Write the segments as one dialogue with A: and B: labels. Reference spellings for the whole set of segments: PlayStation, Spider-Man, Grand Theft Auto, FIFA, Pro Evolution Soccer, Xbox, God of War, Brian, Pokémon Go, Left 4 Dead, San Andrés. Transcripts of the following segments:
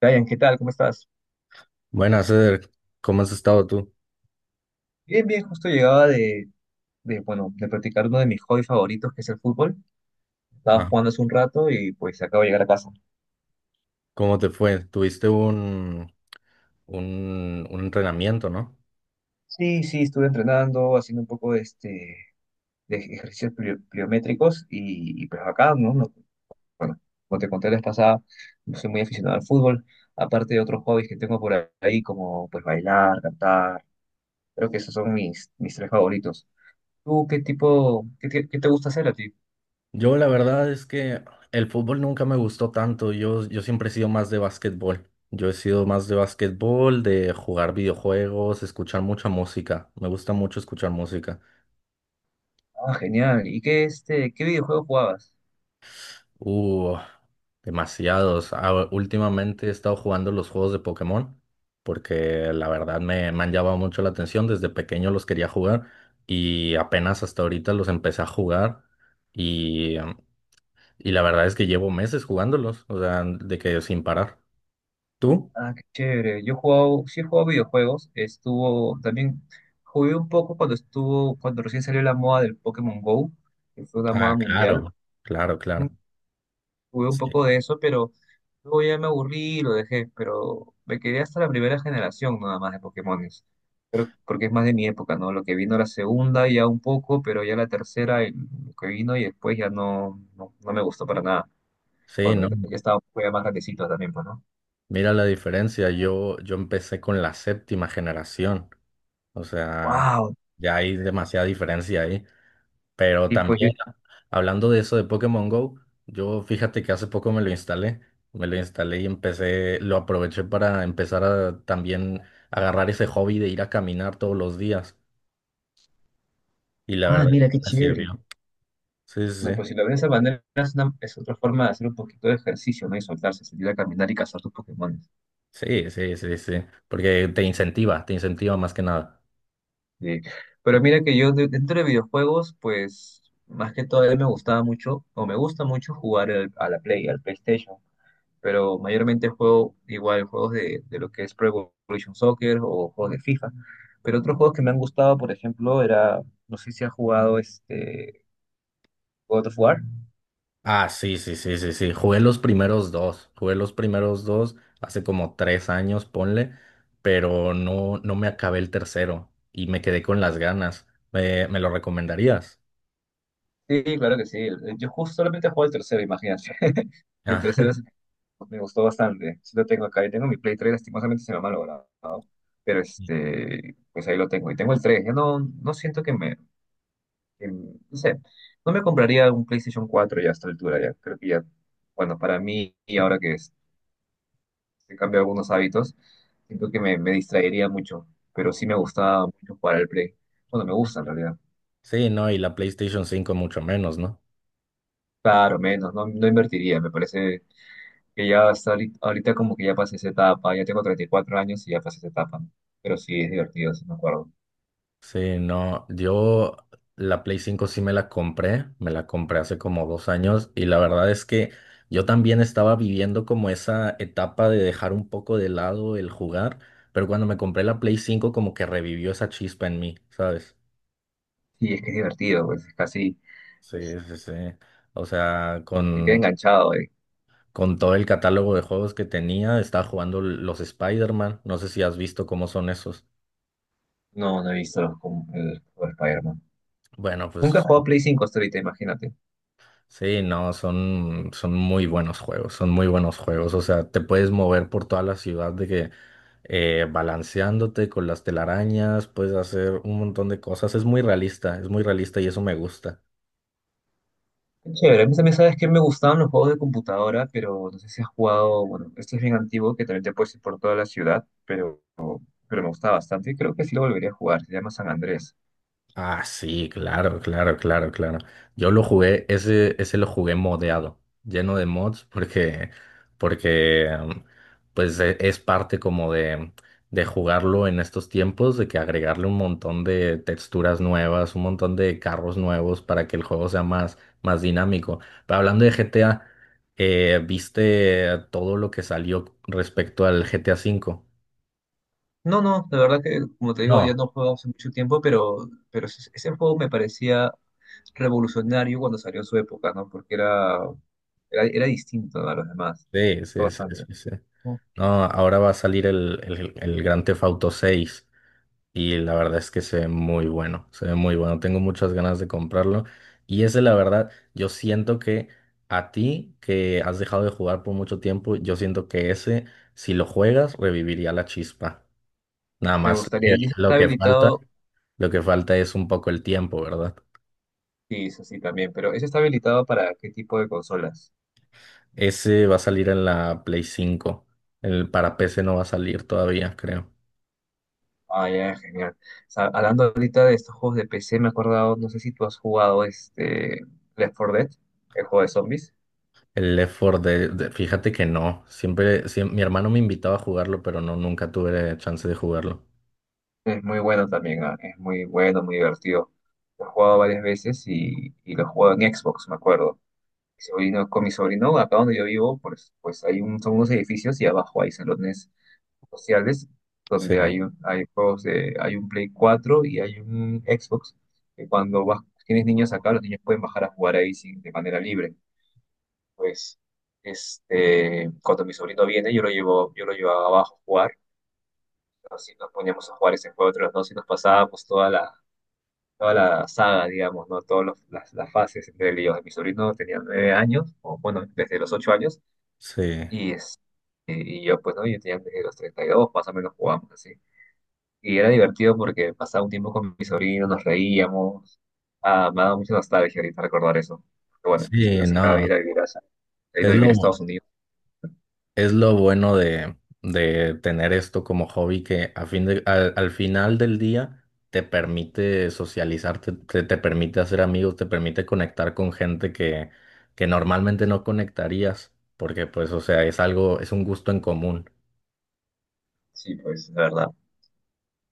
A: Brian, ¿qué tal? ¿Cómo estás?
B: Buenas, Ceder. ¿Cómo has estado tú?
A: Bien, bien, justo llegaba bueno, de practicar uno de mis hobbies favoritos, que es el fútbol. Estaba
B: Ah,
A: jugando hace un rato y pues acabo de llegar a casa.
B: ¿cómo te fue? Tuviste un entrenamiento, ¿no?
A: Sí, sí, estuve entrenando, haciendo un poco de, de ejercicios pliométricos y pues acá, ¿no? No, bueno, como te conté la vez pasada, no soy muy aficionado al fútbol, aparte de otros hobbies que tengo por ahí, como pues bailar, cantar. Creo que esos son mis tres favoritos. ¿Tú qué tipo, qué, qué te gusta hacer a ti?
B: Yo la verdad es que el fútbol nunca me gustó tanto. Yo siempre he sido más de básquetbol. Yo he sido más de básquetbol, de jugar videojuegos, escuchar mucha música. Me gusta mucho escuchar música.
A: Ah, genial. ¿Y qué, este, qué videojuego jugabas?
B: Uh, Demasiados. Ah, últimamente he estado jugando los juegos de Pokémon porque la verdad me han llamado mucho la atención. Desde pequeño los quería jugar y apenas hasta ahorita los empecé a jugar y y la verdad es que llevo meses jugándolos, o sea, de que sin parar. ¿Tú?
A: Ah, qué chévere. Yo he jugado, sí he jugado videojuegos. Estuvo, también jugué un poco cuando estuvo, cuando recién salió la moda del Pokémon Go, que fue la
B: Ah,
A: moda mundial.
B: claro, claro,
A: Ujú.
B: claro.
A: Jugué un
B: Sí,
A: poco de eso, pero luego ya me aburrí y lo dejé. Pero me quedé hasta la primera generación nada más de Pokémones. Pero porque es más de mi época, ¿no? Lo que vino la segunda ya un poco, pero ya la tercera, lo que vino y después ya no, no, no me gustó para nada.
B: sí,
A: Bueno,
B: ¿no?
A: ya estaba ya más grandecito también, pues, ¿no?
B: Mira la diferencia. Yo empecé con la séptima generación, o sea,
A: ¡Wow!
B: ya hay demasiada diferencia ahí. Pero
A: Y pues,
B: también, hablando de eso de Pokémon Go, yo fíjate que hace poco me lo instalé y empecé, lo aproveché para empezar a también agarrar ese hobby de ir a caminar todos los días. Y la
A: ah,
B: verdad es
A: mira
B: que
A: qué
B: me
A: chévere.
B: sirvió. Sí, sí,
A: Bueno, pues si lo ves de esa manera, es otra forma de hacer un poquito de ejercicio, ¿no? Y soltarse, salir a caminar y cazar tus Pokémon.
B: sí, sí, sí, sí, sí, sí, porque te incentiva más que nada.
A: Eh, Pero mira que yo dentro de videojuegos, pues más que todo a mí me gustaba mucho, o me gusta mucho jugar a la Play, al PlayStation. Pero mayormente juego igual juegos de lo que es Pro Evolution Soccer o juegos de FIFA. Pero otros juegos que me han gustado, por ejemplo, era, no sé si has jugado este God of War.
B: Ah, sí, sí, sí, sí, sí. Jugué los primeros dos. Jugué los primeros dos hace como tres años, ponle, pero no, no me acabé el tercero y me quedé con las ganas. Me lo recomendarías?
A: Sí, claro que sí. Yo justo solamente juego el tercero, imagínate. El
B: Ah,
A: tercero es... Me gustó bastante. Sí lo tengo acá. Yo tengo mi Play 3, lastimosamente se me ha malogrado. Pero este, pues ahí lo tengo. Y tengo el tres. Ya no, no siento que no sé, no me compraría un PlayStation 4 ya a esta altura. Ya creo que ya, bueno, para mí, y ahora he cambiado algunos hábitos, siento que me distraería mucho. Pero sí me gustaba mucho jugar al Play. Bueno, me gusta en realidad.
B: sí, no, y la PlayStation cinco mucho menos, ¿no?
A: Claro, menos, no, no invertiría. Me parece que ya hasta ahorita, ahorita como que ya pasé esa etapa, ya tengo 34 años y ya pasé esa etapa, ¿no? Pero sí, es divertido, sí me acuerdo.
B: Sí, no, yo la Play cinco sí me la compré hace como dos años y la verdad es que yo también estaba viviendo como esa etapa de dejar un poco de lado el jugar, pero cuando me compré la Play cinco como que revivió esa chispa en mí, ¿sabes?
A: Sí, es que es divertido, pues es casi,
B: Sí,
A: es-
B: sí, sí. O sea,
A: te queda enganchado, eh.
B: con todo el catálogo de juegos que tenía, estaba jugando los Spider-Man, no sé si has visto cómo son esos.
A: No, no he visto el juego de Spider-Man.
B: Bueno,
A: Nunca he
B: pues
A: jugado Play 5 hasta ahorita, imagínate.
B: sí, no, son, son muy buenos juegos, son muy buenos juegos. O sea, te puedes mover por toda la ciudad de que balanceándote con las telarañas, puedes hacer un montón de cosas. Es muy realista y eso me gusta.
A: Qué chévere, a mí también sabes que me gustaban los juegos de computadora, pero no sé si has jugado, bueno, este es bien antiguo, que también te puedes ir por toda la ciudad, pero me gustaba bastante y creo que sí lo volvería a jugar, se llama San Andrés.
B: Ah, sí, claro, claro, claro, claro. Yo lo jugué, ese lo jugué modeado, lleno de mods, porque pues es parte como de jugarlo en estos tiempos, de que agregarle un montón de texturas nuevas, un montón de carros nuevos para que el juego sea más, más dinámico. Pero hablando de GTA, ¿viste todo lo que salió respecto al GTA cinco?
A: No, no, la verdad que, como te digo, ya
B: No.
A: no juego hace mucho tiempo, pero ese juego me parecía revolucionario cuando salió en su época, ¿no? Porque era, era, era distinto, ¿no?, a los demás. Me
B: Sí,
A: gustó
B: sí, sí,
A: bastante.
B: sí, sí.
A: ¿No?
B: No, ahora va a salir el Grand Theft Auto 6 y la verdad es que se ve muy bueno, se ve muy bueno. Tengo muchas ganas de comprarlo y ese la verdad, yo siento que a ti que has dejado de jugar por mucho tiempo, yo siento que ese, si lo juegas, reviviría la chispa. Nada
A: Me
B: más
A: gustaría.
B: que
A: ¿Y ese está habilitado?
B: lo que falta es un poco el tiempo, ¿verdad?
A: Sí, eso sí, también. Pero ¿ese está habilitado para qué tipo de consolas?
B: Ese va a salir en la Play cinco. El para PC no va a salir todavía, creo.
A: Ah, ya, genial. O sea, hablando ahorita de estos juegos de PC, me he acordado, no sé si tú has jugado este Left 4 Dead, el juego de zombies.
B: El Left 4 Dead, fíjate que no. Siempre, mi hermano me invitaba a jugarlo, pero no, nunca tuve chance de jugarlo.
A: Es muy bueno también, ah, es muy bueno, muy divertido. Lo he jugado varias veces y lo he jugado en Xbox, me acuerdo. Con mi sobrino, acá donde yo vivo, pues, pues hay son unos edificios y abajo hay salones sociales donde
B: Sí,
A: hay juegos de, hay un Play 4 y hay un Xbox. Que cuando vas, tienes niños acá, los niños pueden bajar a jugar ahí sin, de manera libre. Pues, este, cuando mi sobrino viene, yo lo llevo abajo a jugar. Así nos poníamos a jugar ese juego entre los dos y nos pasábamos toda toda la saga, digamos, ¿no? Las fases entre él y yo. Mi sobrino tenía 9 años, o bueno, desde los 8 años,
B: sí,
A: y, es, y yo, pues, ¿no? Yo tenía desde los 32 más o menos jugamos así. Y era divertido porque pasaba un tiempo con mi sobrino, nos reíamos. Ah, me ha dado mucha nostalgia ahorita recordar eso. Pero bueno, mi sobrino
B: sí,
A: se acaba de
B: no.
A: ir a vivir se ha ido
B: Es
A: a vivir a
B: lo,
A: Estados Unidos.
B: es lo bueno de tener esto como hobby que al, al final del día te permite socializarte, te permite hacer amigos, te permite conectar con gente que normalmente no conectarías, porque pues, o sea, es algo, es un gusto en común.
A: Sí, pues, de verdad.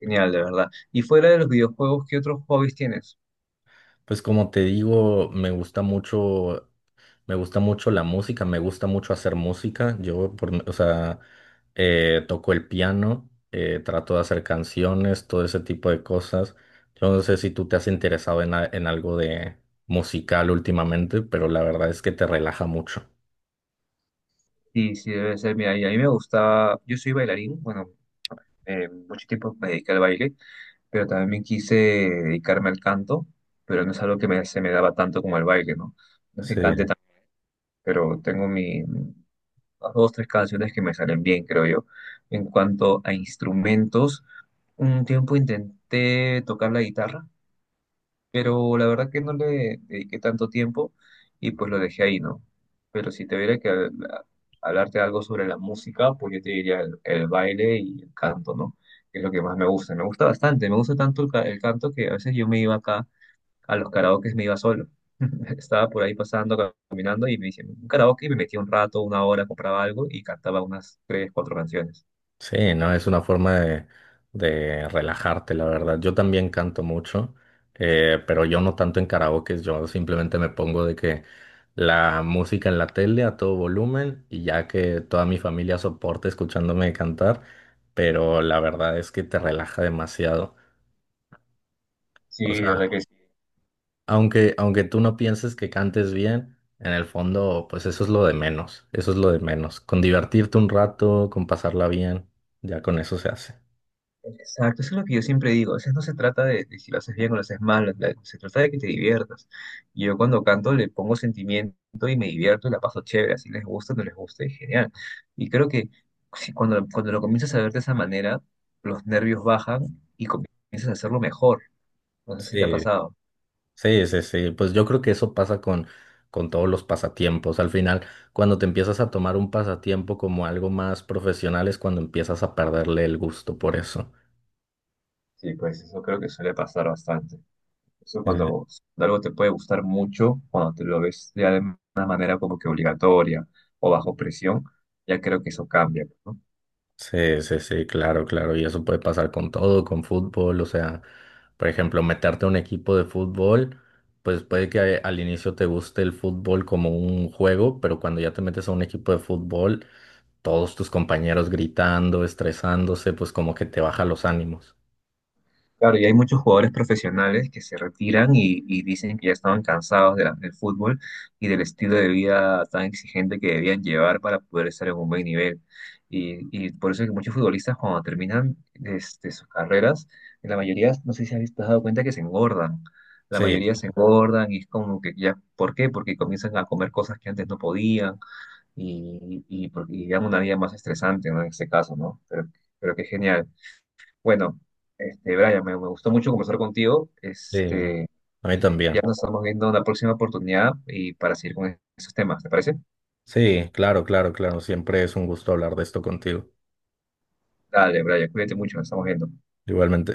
A: Genial, de verdad. Y fuera de los videojuegos, ¿qué otros hobbies tienes?
B: Pues como te digo, me gusta mucho. Me gusta mucho la música, me gusta mucho hacer música. O sea, toco el piano, trato de hacer canciones, todo ese tipo de cosas. Yo no sé si tú te has interesado en algo de musical últimamente, pero la verdad es que te relaja mucho.
A: Sí, sí, debe ser. Mira, y a mí me gustaba, yo soy bailarín, bueno, mucho tiempo me dediqué al baile, pero también quise dedicarme al canto, pero no es algo que se me daba tanto como el baile, ¿no? No es que
B: Sí.
A: cante tanto, pero tengo las dos, tres canciones que me salen bien, creo yo. En cuanto a instrumentos, un tiempo intenté tocar la guitarra, pero la verdad que no le dediqué tanto tiempo y pues lo dejé ahí, ¿no? Pero si te hubiera que hablarte algo sobre la música, pues yo te diría el baile y el canto, ¿no? Que es lo que más me gusta. Me gusta bastante, me gusta tanto el canto que a veces yo me iba acá a los karaokes, me iba solo. Estaba por ahí pasando, caminando y me hice un karaoke y me metía un rato, una hora, compraba algo y cantaba unas tres, cuatro canciones.
B: Sí, no, es una forma de relajarte, la verdad. Yo también canto mucho, pero yo no tanto en karaoke, yo simplemente me pongo de que la música en la tele a todo volumen y ya que toda mi familia soporte escuchándome cantar, pero la verdad es que te relaja demasiado.
A: Sí,
B: O
A: de verdad
B: sea,
A: que...
B: aunque tú no pienses que cantes bien, en el fondo, pues eso es lo de menos, eso es lo de menos. Con divertirte un rato, con pasarla bien, ya con eso se hace.
A: Exacto, eso es lo que yo siempre digo. A veces no se trata de si lo haces bien o lo haces mal, se trata de que te diviertas. Y yo cuando canto le pongo sentimiento y me divierto y la paso chévere, así les gusta o no les gusta, es genial. Y creo que si cuando lo comienzas a ver de esa manera, los nervios bajan y comienzas a hacerlo mejor. No sé si te ha
B: Sí,
A: pasado.
B: sí, sí, sí. Pues yo creo que eso pasa con todos los pasatiempos. Al final, cuando te empiezas a tomar un pasatiempo como algo más profesional, es cuando empiezas a perderle el gusto por eso.
A: Sí, pues eso creo que suele pasar bastante. Eso
B: Eh,
A: cuando algo te puede gustar mucho, cuando te lo ves ya de una manera como que obligatoria o bajo presión, ya creo que eso cambia, ¿no?
B: Sí, sí, sí, claro, claro. Y eso puede pasar con todo, con fútbol. O sea, por ejemplo, meterte a un equipo de fútbol, pues puede que al inicio te guste el fútbol como un juego, pero cuando ya te metes a un equipo de fútbol, todos tus compañeros gritando, estresándose, pues como que te baja los ánimos.
A: Claro, y hay muchos jugadores profesionales que se retiran y dicen que ya estaban cansados de del fútbol y del estilo de vida tan exigente que debían llevar para poder estar en un buen nivel. Y por eso es que muchos futbolistas cuando terminan este, sus carreras, en la mayoría, no sé si te has dado cuenta que se engordan. La
B: Sí,
A: mayoría se engordan y es como que ya, ¿por qué? Porque comienzan a comer cosas que antes no podían y llevan una vida más estresante, ¿no? En este caso, ¿no? Pero qué genial. Bueno, este, Brian, me gustó mucho conversar contigo.
B: sí,
A: Este,
B: a mí
A: ya
B: también.
A: nos estamos viendo en la próxima oportunidad y para seguir con esos temas, ¿te parece?
B: Sí, claro, claro, claro. Siempre es un gusto hablar de esto contigo.
A: Dale, Brian, cuídate mucho, nos estamos viendo.
B: Igualmente.